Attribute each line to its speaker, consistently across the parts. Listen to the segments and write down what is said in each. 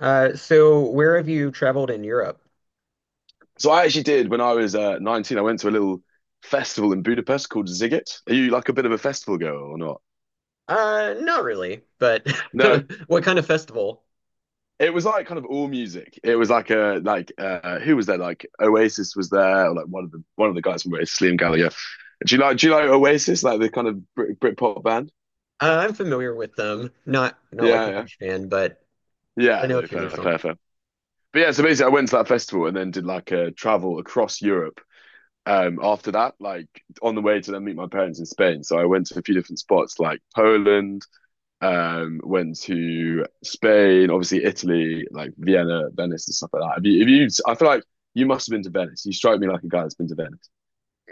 Speaker 1: So where have you traveled in Europe?
Speaker 2: So I actually did when I was 19. I went to a little festival in Budapest called Ziget. Are you like a bit of a festival girl or not?
Speaker 1: Not really, but
Speaker 2: No.
Speaker 1: what kind of festival?
Speaker 2: It was like kind of all music. It was like a like who was there? Like Oasis was there, or like one of the guys from Oasis, Liam Gallagher. Do you like Oasis? Like the kind of Brit pop band?
Speaker 1: I'm familiar with them. Not like
Speaker 2: Yeah,
Speaker 1: a
Speaker 2: yeah.
Speaker 1: huge fan, but I
Speaker 2: Yeah,
Speaker 1: know a
Speaker 2: no,
Speaker 1: few of their
Speaker 2: fair, fair,
Speaker 1: songs.
Speaker 2: fair. But yeah, so basically I went to that festival and then did like a travel across Europe after that, like on the way to then meet my parents in Spain. So I went to a few different spots like Poland. Went to Spain, obviously Italy, like Vienna, Venice, and stuff like that. I feel like you must have been to Venice. You strike me like a guy that's been to Venice.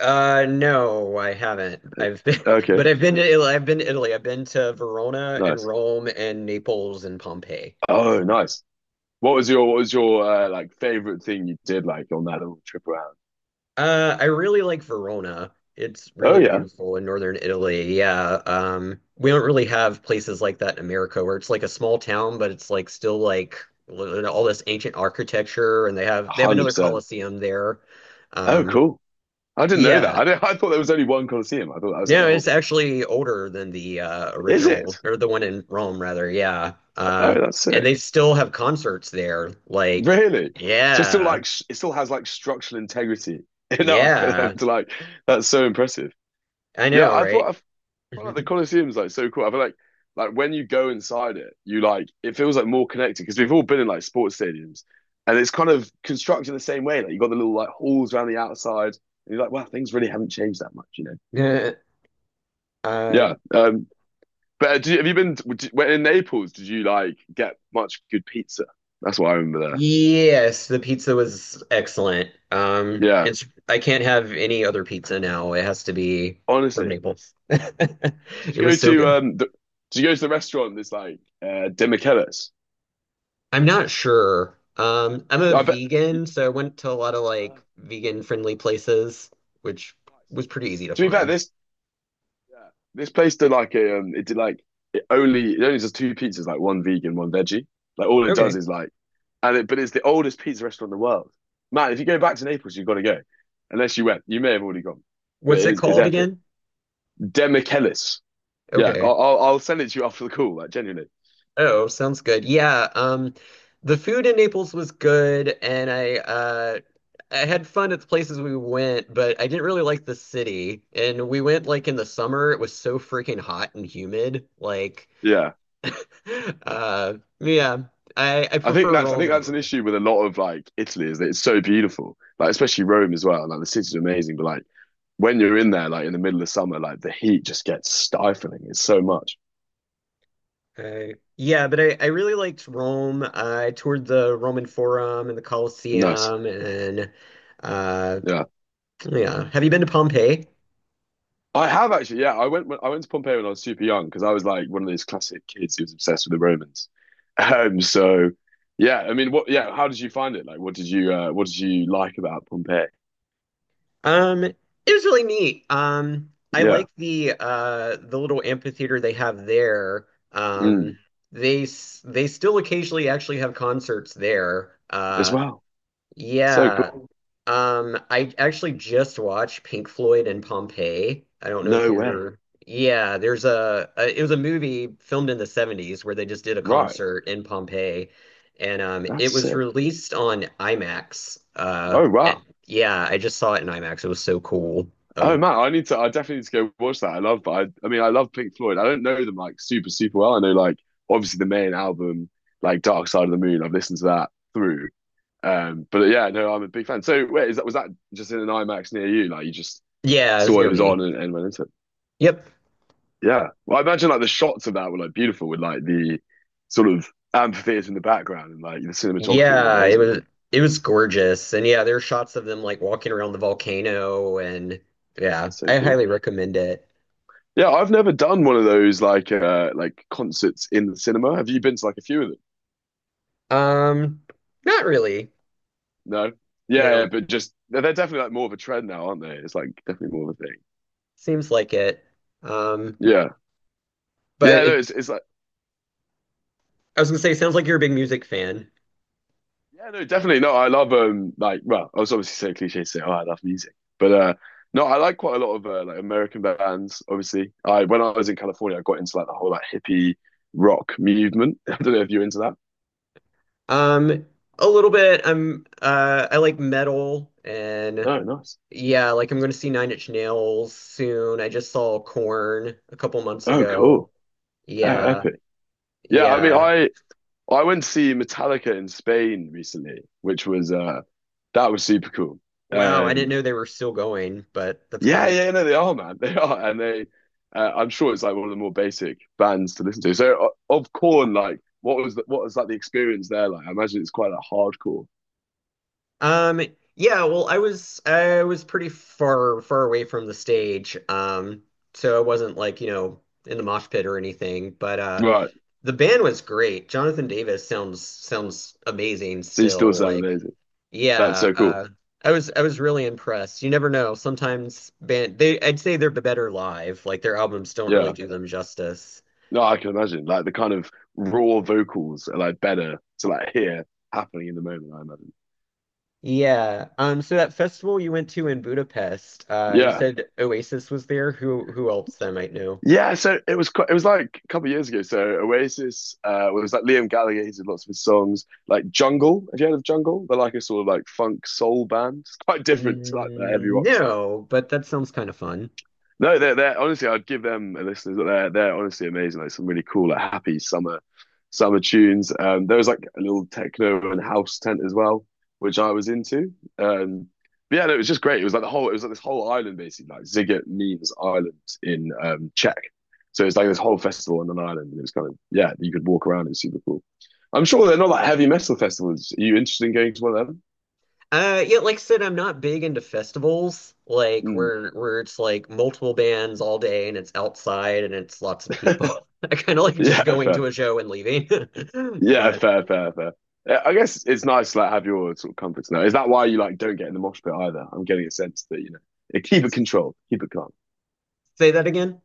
Speaker 1: No, I haven't. I've been,
Speaker 2: Okay,
Speaker 1: but I've been to Italy. I've been to Italy. I've been to Verona and
Speaker 2: nice.
Speaker 1: Rome and Naples and Pompeii.
Speaker 2: Oh, nice. What was your like favorite thing you did like on that little trip around?
Speaker 1: I really like Verona. It's
Speaker 2: Oh
Speaker 1: really
Speaker 2: yeah,
Speaker 1: beautiful in northern Italy. Yeah. We don't really have places like that in America where it's like a small town, but it's like still like all this ancient architecture and they have another
Speaker 2: 100%.
Speaker 1: Colosseum there.
Speaker 2: Oh
Speaker 1: Um,
Speaker 2: cool. I didn't know that.
Speaker 1: yeah.
Speaker 2: I didn't, I thought there was only one Colosseum. I thought that was like the
Speaker 1: No,
Speaker 2: whole
Speaker 1: it's
Speaker 2: point.
Speaker 1: actually older than the
Speaker 2: Is
Speaker 1: original,
Speaker 2: it?
Speaker 1: or the one in Rome rather. Yeah.
Speaker 2: Oh, that's
Speaker 1: And
Speaker 2: sick.
Speaker 1: they still have concerts there. Like,
Speaker 2: Really? So it's still
Speaker 1: yeah.
Speaker 2: like it still has like structural integrity enough for them
Speaker 1: Yeah.
Speaker 2: to like that's so impressive.
Speaker 1: I
Speaker 2: Yeah,
Speaker 1: know,
Speaker 2: I thought
Speaker 1: right?
Speaker 2: I Felt like the Colosseum's like so cool. I feel like when you go inside it, you like it feels like more connected because we've all been in like sports stadiums, and it's kind of constructed the same way. Like you got the little like halls around the outside, and you're like, wow, things really haven't changed that much, you know?
Speaker 1: Uh,
Speaker 2: Yeah. But have you been when in Naples? Did you like get much good pizza? That's what I remember there.
Speaker 1: Yes, the pizza was excellent.
Speaker 2: Yeah.
Speaker 1: It's I can't have any other pizza now. It has to be from
Speaker 2: Honestly,
Speaker 1: Naples.
Speaker 2: did you
Speaker 1: It
Speaker 2: go
Speaker 1: was so
Speaker 2: to
Speaker 1: good.
Speaker 2: The, did you go to the restaurant that's like De Michelis?
Speaker 1: I'm not sure. I'm a
Speaker 2: I bet.
Speaker 1: vegan, so I went to a lot of
Speaker 2: Uh,
Speaker 1: like vegan friendly places, which
Speaker 2: nice.
Speaker 1: was pretty easy to
Speaker 2: To be fair,
Speaker 1: find.
Speaker 2: this. Yeah, this place did like a, it did like it only does two pizzas, like one vegan, one veggie. Like all it does
Speaker 1: Okay.
Speaker 2: is like, and it but it's the oldest pizza restaurant in the world. Man, if you go back to Naples, you've got to go. Unless you went, you may have already gone, but
Speaker 1: What's
Speaker 2: it
Speaker 1: it
Speaker 2: is it's
Speaker 1: called
Speaker 2: epic.
Speaker 1: again?
Speaker 2: Demichelis. Yeah,
Speaker 1: Okay.
Speaker 2: I'll send it to you after the call. Like genuinely,
Speaker 1: Oh, sounds good. Yeah, the food in Naples was good, and I had fun at the places we went, but I didn't really like the city. And we went like in the summer. It was so freaking hot and humid. Like,
Speaker 2: yeah.
Speaker 1: uh, yeah, I prefer
Speaker 2: I
Speaker 1: Rome
Speaker 2: think
Speaker 1: and
Speaker 2: that's an
Speaker 1: Bologna.
Speaker 2: issue with a lot of like Italy is that it's so beautiful, like especially Rome as well. Like the city's amazing, but like when you're in there, like in the middle of summer, like the heat just gets stifling. It's so much.
Speaker 1: Yeah, but I really liked Rome. I toured the Roman Forum and the
Speaker 2: Nice.
Speaker 1: Colosseum, and uh,
Speaker 2: Yeah.
Speaker 1: yeah. Have you been to Pompeii?
Speaker 2: I have actually, yeah. I went to Pompeii when I was super young because I was like one of those classic kids who was obsessed with the Romans. So yeah, I mean, what? Yeah, how did you find it? Like, what did you like about Pompeii?
Speaker 1: It was really neat. I
Speaker 2: Yeah,
Speaker 1: like the little amphitheater they have there.
Speaker 2: mm,
Speaker 1: Um, they they still occasionally actually have concerts there.
Speaker 2: as well. So
Speaker 1: Yeah.
Speaker 2: cool.
Speaker 1: I actually just watched Pink Floyd and Pompeii. I don't know if
Speaker 2: No way.
Speaker 1: you're, yeah, there's a it was a movie filmed in the 70s where they just did a
Speaker 2: Right,
Speaker 1: concert in Pompeii, and
Speaker 2: that's
Speaker 1: it was
Speaker 2: sick.
Speaker 1: released on IMAX.
Speaker 2: Oh wow.
Speaker 1: Yeah, I just saw it in IMAX. It was so cool. Uh,
Speaker 2: Oh man, I need to. I definitely need to go watch that. I love. I mean, I love Pink Floyd. I don't know them like super well. I know like obviously the main album, like Dark Side of the Moon. I've listened to that through. But yeah, no, I'm a big fan. So wait, is that was that just in an IMAX near you? Like you just
Speaker 1: yeah, it was
Speaker 2: saw it
Speaker 1: near
Speaker 2: was
Speaker 1: me.
Speaker 2: on and went into it.
Speaker 1: Yep.
Speaker 2: Yeah. Well, I imagine like the shots of that were like beautiful with like the sort of amphitheater in the background and like the cinematography was
Speaker 1: Yeah, it
Speaker 2: amazing.
Speaker 1: was it was gorgeous. And yeah, there are shots of them like walking around the volcano, and yeah,
Speaker 2: It's so
Speaker 1: I
Speaker 2: cool.
Speaker 1: highly recommend it.
Speaker 2: Yeah, I've never done one of those like like concerts in the cinema. Have you been to like a few of them?
Speaker 1: Um, Not really.
Speaker 2: No. Yeah, yeah,
Speaker 1: No,
Speaker 2: but just they're definitely like more of a trend now, aren't they? It's like definitely more of a thing.
Speaker 1: seems like it. Um,
Speaker 2: Yeah.
Speaker 1: but
Speaker 2: Yeah, no,
Speaker 1: it,
Speaker 2: it's like
Speaker 1: I was gonna say, sounds like you're a big music fan.
Speaker 2: yeah, no, definitely. No, I love like well, I was obviously so cliche to say, oh, I love music. But no, I like quite a lot of like American bands, obviously. I when I was in California I got into like the whole like hippie rock movement. I don't know if you're into that.
Speaker 1: Um, a little bit. I'm I like metal, and
Speaker 2: Oh, nice.
Speaker 1: yeah, like I'm gonna see Nine Inch Nails soon. I just saw Korn a couple months
Speaker 2: Oh,
Speaker 1: ago.
Speaker 2: cool. Oh,
Speaker 1: Yeah,
Speaker 2: epic. Yeah, I mean
Speaker 1: yeah.
Speaker 2: I I went to see Metallica in Spain recently, which was that was super cool.
Speaker 1: Wow, I didn't
Speaker 2: Um.
Speaker 1: know they were still going, but that's
Speaker 2: Yeah,
Speaker 1: great.
Speaker 2: yeah, no, they are, man. They are, and they. I'm sure it's like one of the more basic bands to listen to. So, of Corn, like, what was like the experience there like? I imagine it's quite like hardcore,
Speaker 1: Um, yeah, well, I was pretty far away from the stage. So I wasn't like, you know, in the mosh pit or anything, but
Speaker 2: right?
Speaker 1: the band was great. Jonathan Davis sounds amazing
Speaker 2: So you still
Speaker 1: still.
Speaker 2: sound
Speaker 1: Like,
Speaker 2: amazing. That's
Speaker 1: yeah,
Speaker 2: so cool.
Speaker 1: I was really impressed. You never know. Sometimes band they I'd say they're better live. Like their albums don't really
Speaker 2: Yeah,
Speaker 1: do them justice.
Speaker 2: no, I can imagine like the kind of raw vocals are like better to like hear happening in the moment. I imagine.
Speaker 1: Yeah. So that festival you went to in Budapest, you
Speaker 2: Yeah.
Speaker 1: said Oasis was there. Who else that I might know?
Speaker 2: Yeah, so it was quite, it was like a couple of years ago. So Oasis well, it was like Liam Gallagher. He did lots of his songs, like Jungle. Have you heard of Jungle? They're like a sort of like funk soul band. It's quite different to like the heavy
Speaker 1: Mm,
Speaker 2: rock stuff.
Speaker 1: no, but that sounds kind of fun.
Speaker 2: No, they're honestly, I'd give them listeners. They're honestly amazing. Like some really cool, like happy summer tunes. There was like a little techno and house tent as well, which I was into. Um, but yeah, no, it was just great. It was like this whole island basically, like Ziget means island in Czech. So it's like this whole festival on an island, and it was kind of yeah, you could walk around. It's super cool. I'm sure they're not like heavy metal festivals. Are you interested in going to one of
Speaker 1: Yeah, like I said, I'm not big into festivals, like
Speaker 2: them?
Speaker 1: where it's like multiple bands all day and it's outside and it's lots of people.
Speaker 2: Mm.
Speaker 1: I kind of like just
Speaker 2: Yeah,
Speaker 1: going
Speaker 2: fair.
Speaker 1: to a show and leaving.
Speaker 2: Yeah,
Speaker 1: But
Speaker 2: fair, fair, fair. Yeah, I guess it's nice to like have your sort of comforts now. Is that why you like don't get in the mosh pit either? I'm getting a sense that you know yeah, keep it controlled, keep it calm.
Speaker 1: say that again.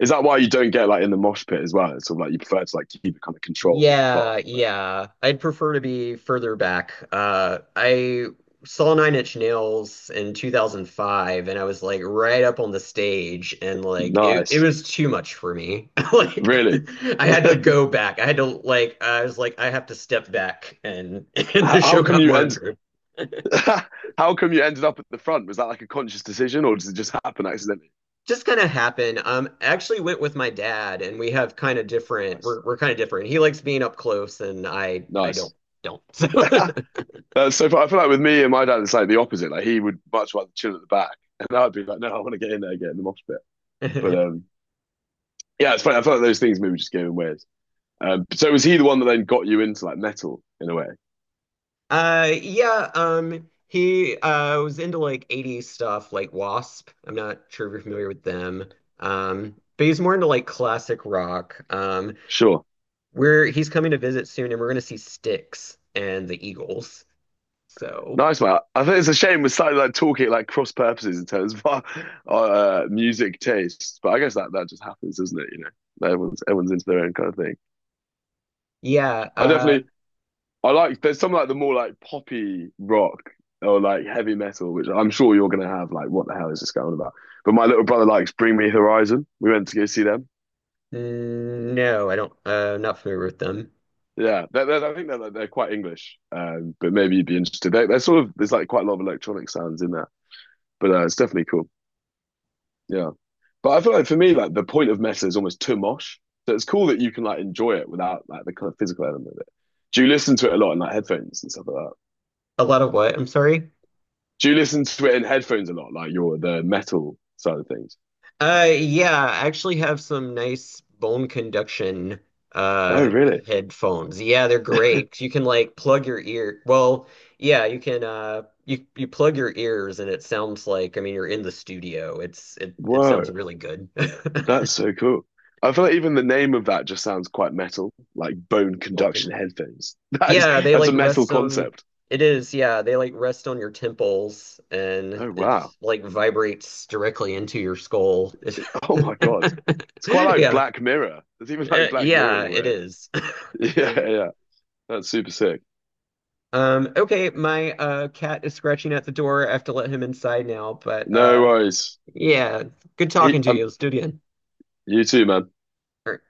Speaker 2: Is that why you don't get like in the mosh pit as well? It's sort of like you prefer to like keep it kind of controlled and calm.
Speaker 1: Yeah, yeah. I'd prefer to be further back. I saw Nine Inch Nails in 2005, and I was like right up on the stage, and like it
Speaker 2: Nice,
Speaker 1: was too much for me. Like
Speaker 2: really.
Speaker 1: I had to
Speaker 2: how,
Speaker 1: go back. I had to like I was like I have to step back, and and the
Speaker 2: how
Speaker 1: show
Speaker 2: come
Speaker 1: got
Speaker 2: you
Speaker 1: more
Speaker 2: end?
Speaker 1: interesting.
Speaker 2: How come you ended up at the front? Was that like a conscious decision, or does it just happen accidentally?
Speaker 1: Just kind of happened. I actually went with my dad, and we have kind of different
Speaker 2: Nice,
Speaker 1: we're kind of different. He likes being up close, and I
Speaker 2: nice.
Speaker 1: don't.
Speaker 2: So far, I feel like with me and my dad, it's like the opposite. Like he would much rather chill at the back, and I'd be like, no, I want to get in there, get in the mosh pit.
Speaker 1: So
Speaker 2: But yeah, it's funny. I felt like those things maybe just gave him weird. So was he the one that then got you into like metal in a way?
Speaker 1: Yeah, he was into like 80s stuff, like Wasp. I'm not sure if you're familiar with them. But he's more into like classic rock.
Speaker 2: Sure.
Speaker 1: We're he's coming to visit soon, and we're gonna see Styx and the Eagles. So
Speaker 2: Nice man. I think it's a shame we're starting like talking like cross purposes in terms of our music tastes, but I guess that just happens, doesn't it? You know, everyone's into their own kind of thing.
Speaker 1: yeah,
Speaker 2: I definitely I like there's some like the more like poppy rock or like heavy metal, which I'm sure you're gonna have like what the hell is this going on about? But my little brother likes Bring Me Horizon. We went to go see them.
Speaker 1: no, I don't. Not familiar with them.
Speaker 2: Yeah, I think they're, like, they're quite English, but maybe you'd be interested. They're sort of there's like quite a lot of electronic sounds in there, but it's definitely cool. Yeah, but I feel like for me, like the point of metal is almost too mosh, so it's cool that you can like enjoy it without like the kind of physical element of it. Do you listen to it a lot in like headphones and stuff like that?
Speaker 1: A lot of what? I'm sorry.
Speaker 2: Do you listen to it in headphones a lot, like your the metal side of things?
Speaker 1: Yeah, I actually have some nice bone conduction
Speaker 2: Oh,
Speaker 1: uh
Speaker 2: really?
Speaker 1: headphones. Yeah, they're great. You can like plug your ear. Well, yeah, you can you plug your ears and it sounds like I mean you're in the studio. It it sounds
Speaker 2: Whoa,
Speaker 1: really good.
Speaker 2: that's so cool. I feel like even the name of that just sounds quite metal, like bone
Speaker 1: Bone
Speaker 2: conduction
Speaker 1: conduction.
Speaker 2: headphones. That is
Speaker 1: Yeah, they
Speaker 2: that's a
Speaker 1: like
Speaker 2: metal
Speaker 1: rest on
Speaker 2: concept.
Speaker 1: it is, yeah, they like rest on your temples and
Speaker 2: Oh
Speaker 1: it
Speaker 2: wow.
Speaker 1: like vibrates directly into your skull.
Speaker 2: Oh my God. It's quite like
Speaker 1: Yeah.
Speaker 2: Black Mirror. It's even like Black Mirror
Speaker 1: Yeah,
Speaker 2: in a
Speaker 1: it
Speaker 2: way.
Speaker 1: is.
Speaker 2: Yeah, yeah. That's super sick.
Speaker 1: Okay, my cat is scratching at the door. I have to let him inside now, but
Speaker 2: No worries.
Speaker 1: yeah, good
Speaker 2: He,
Speaker 1: talking to you. Let's do it again.
Speaker 2: you too, man.
Speaker 1: All right.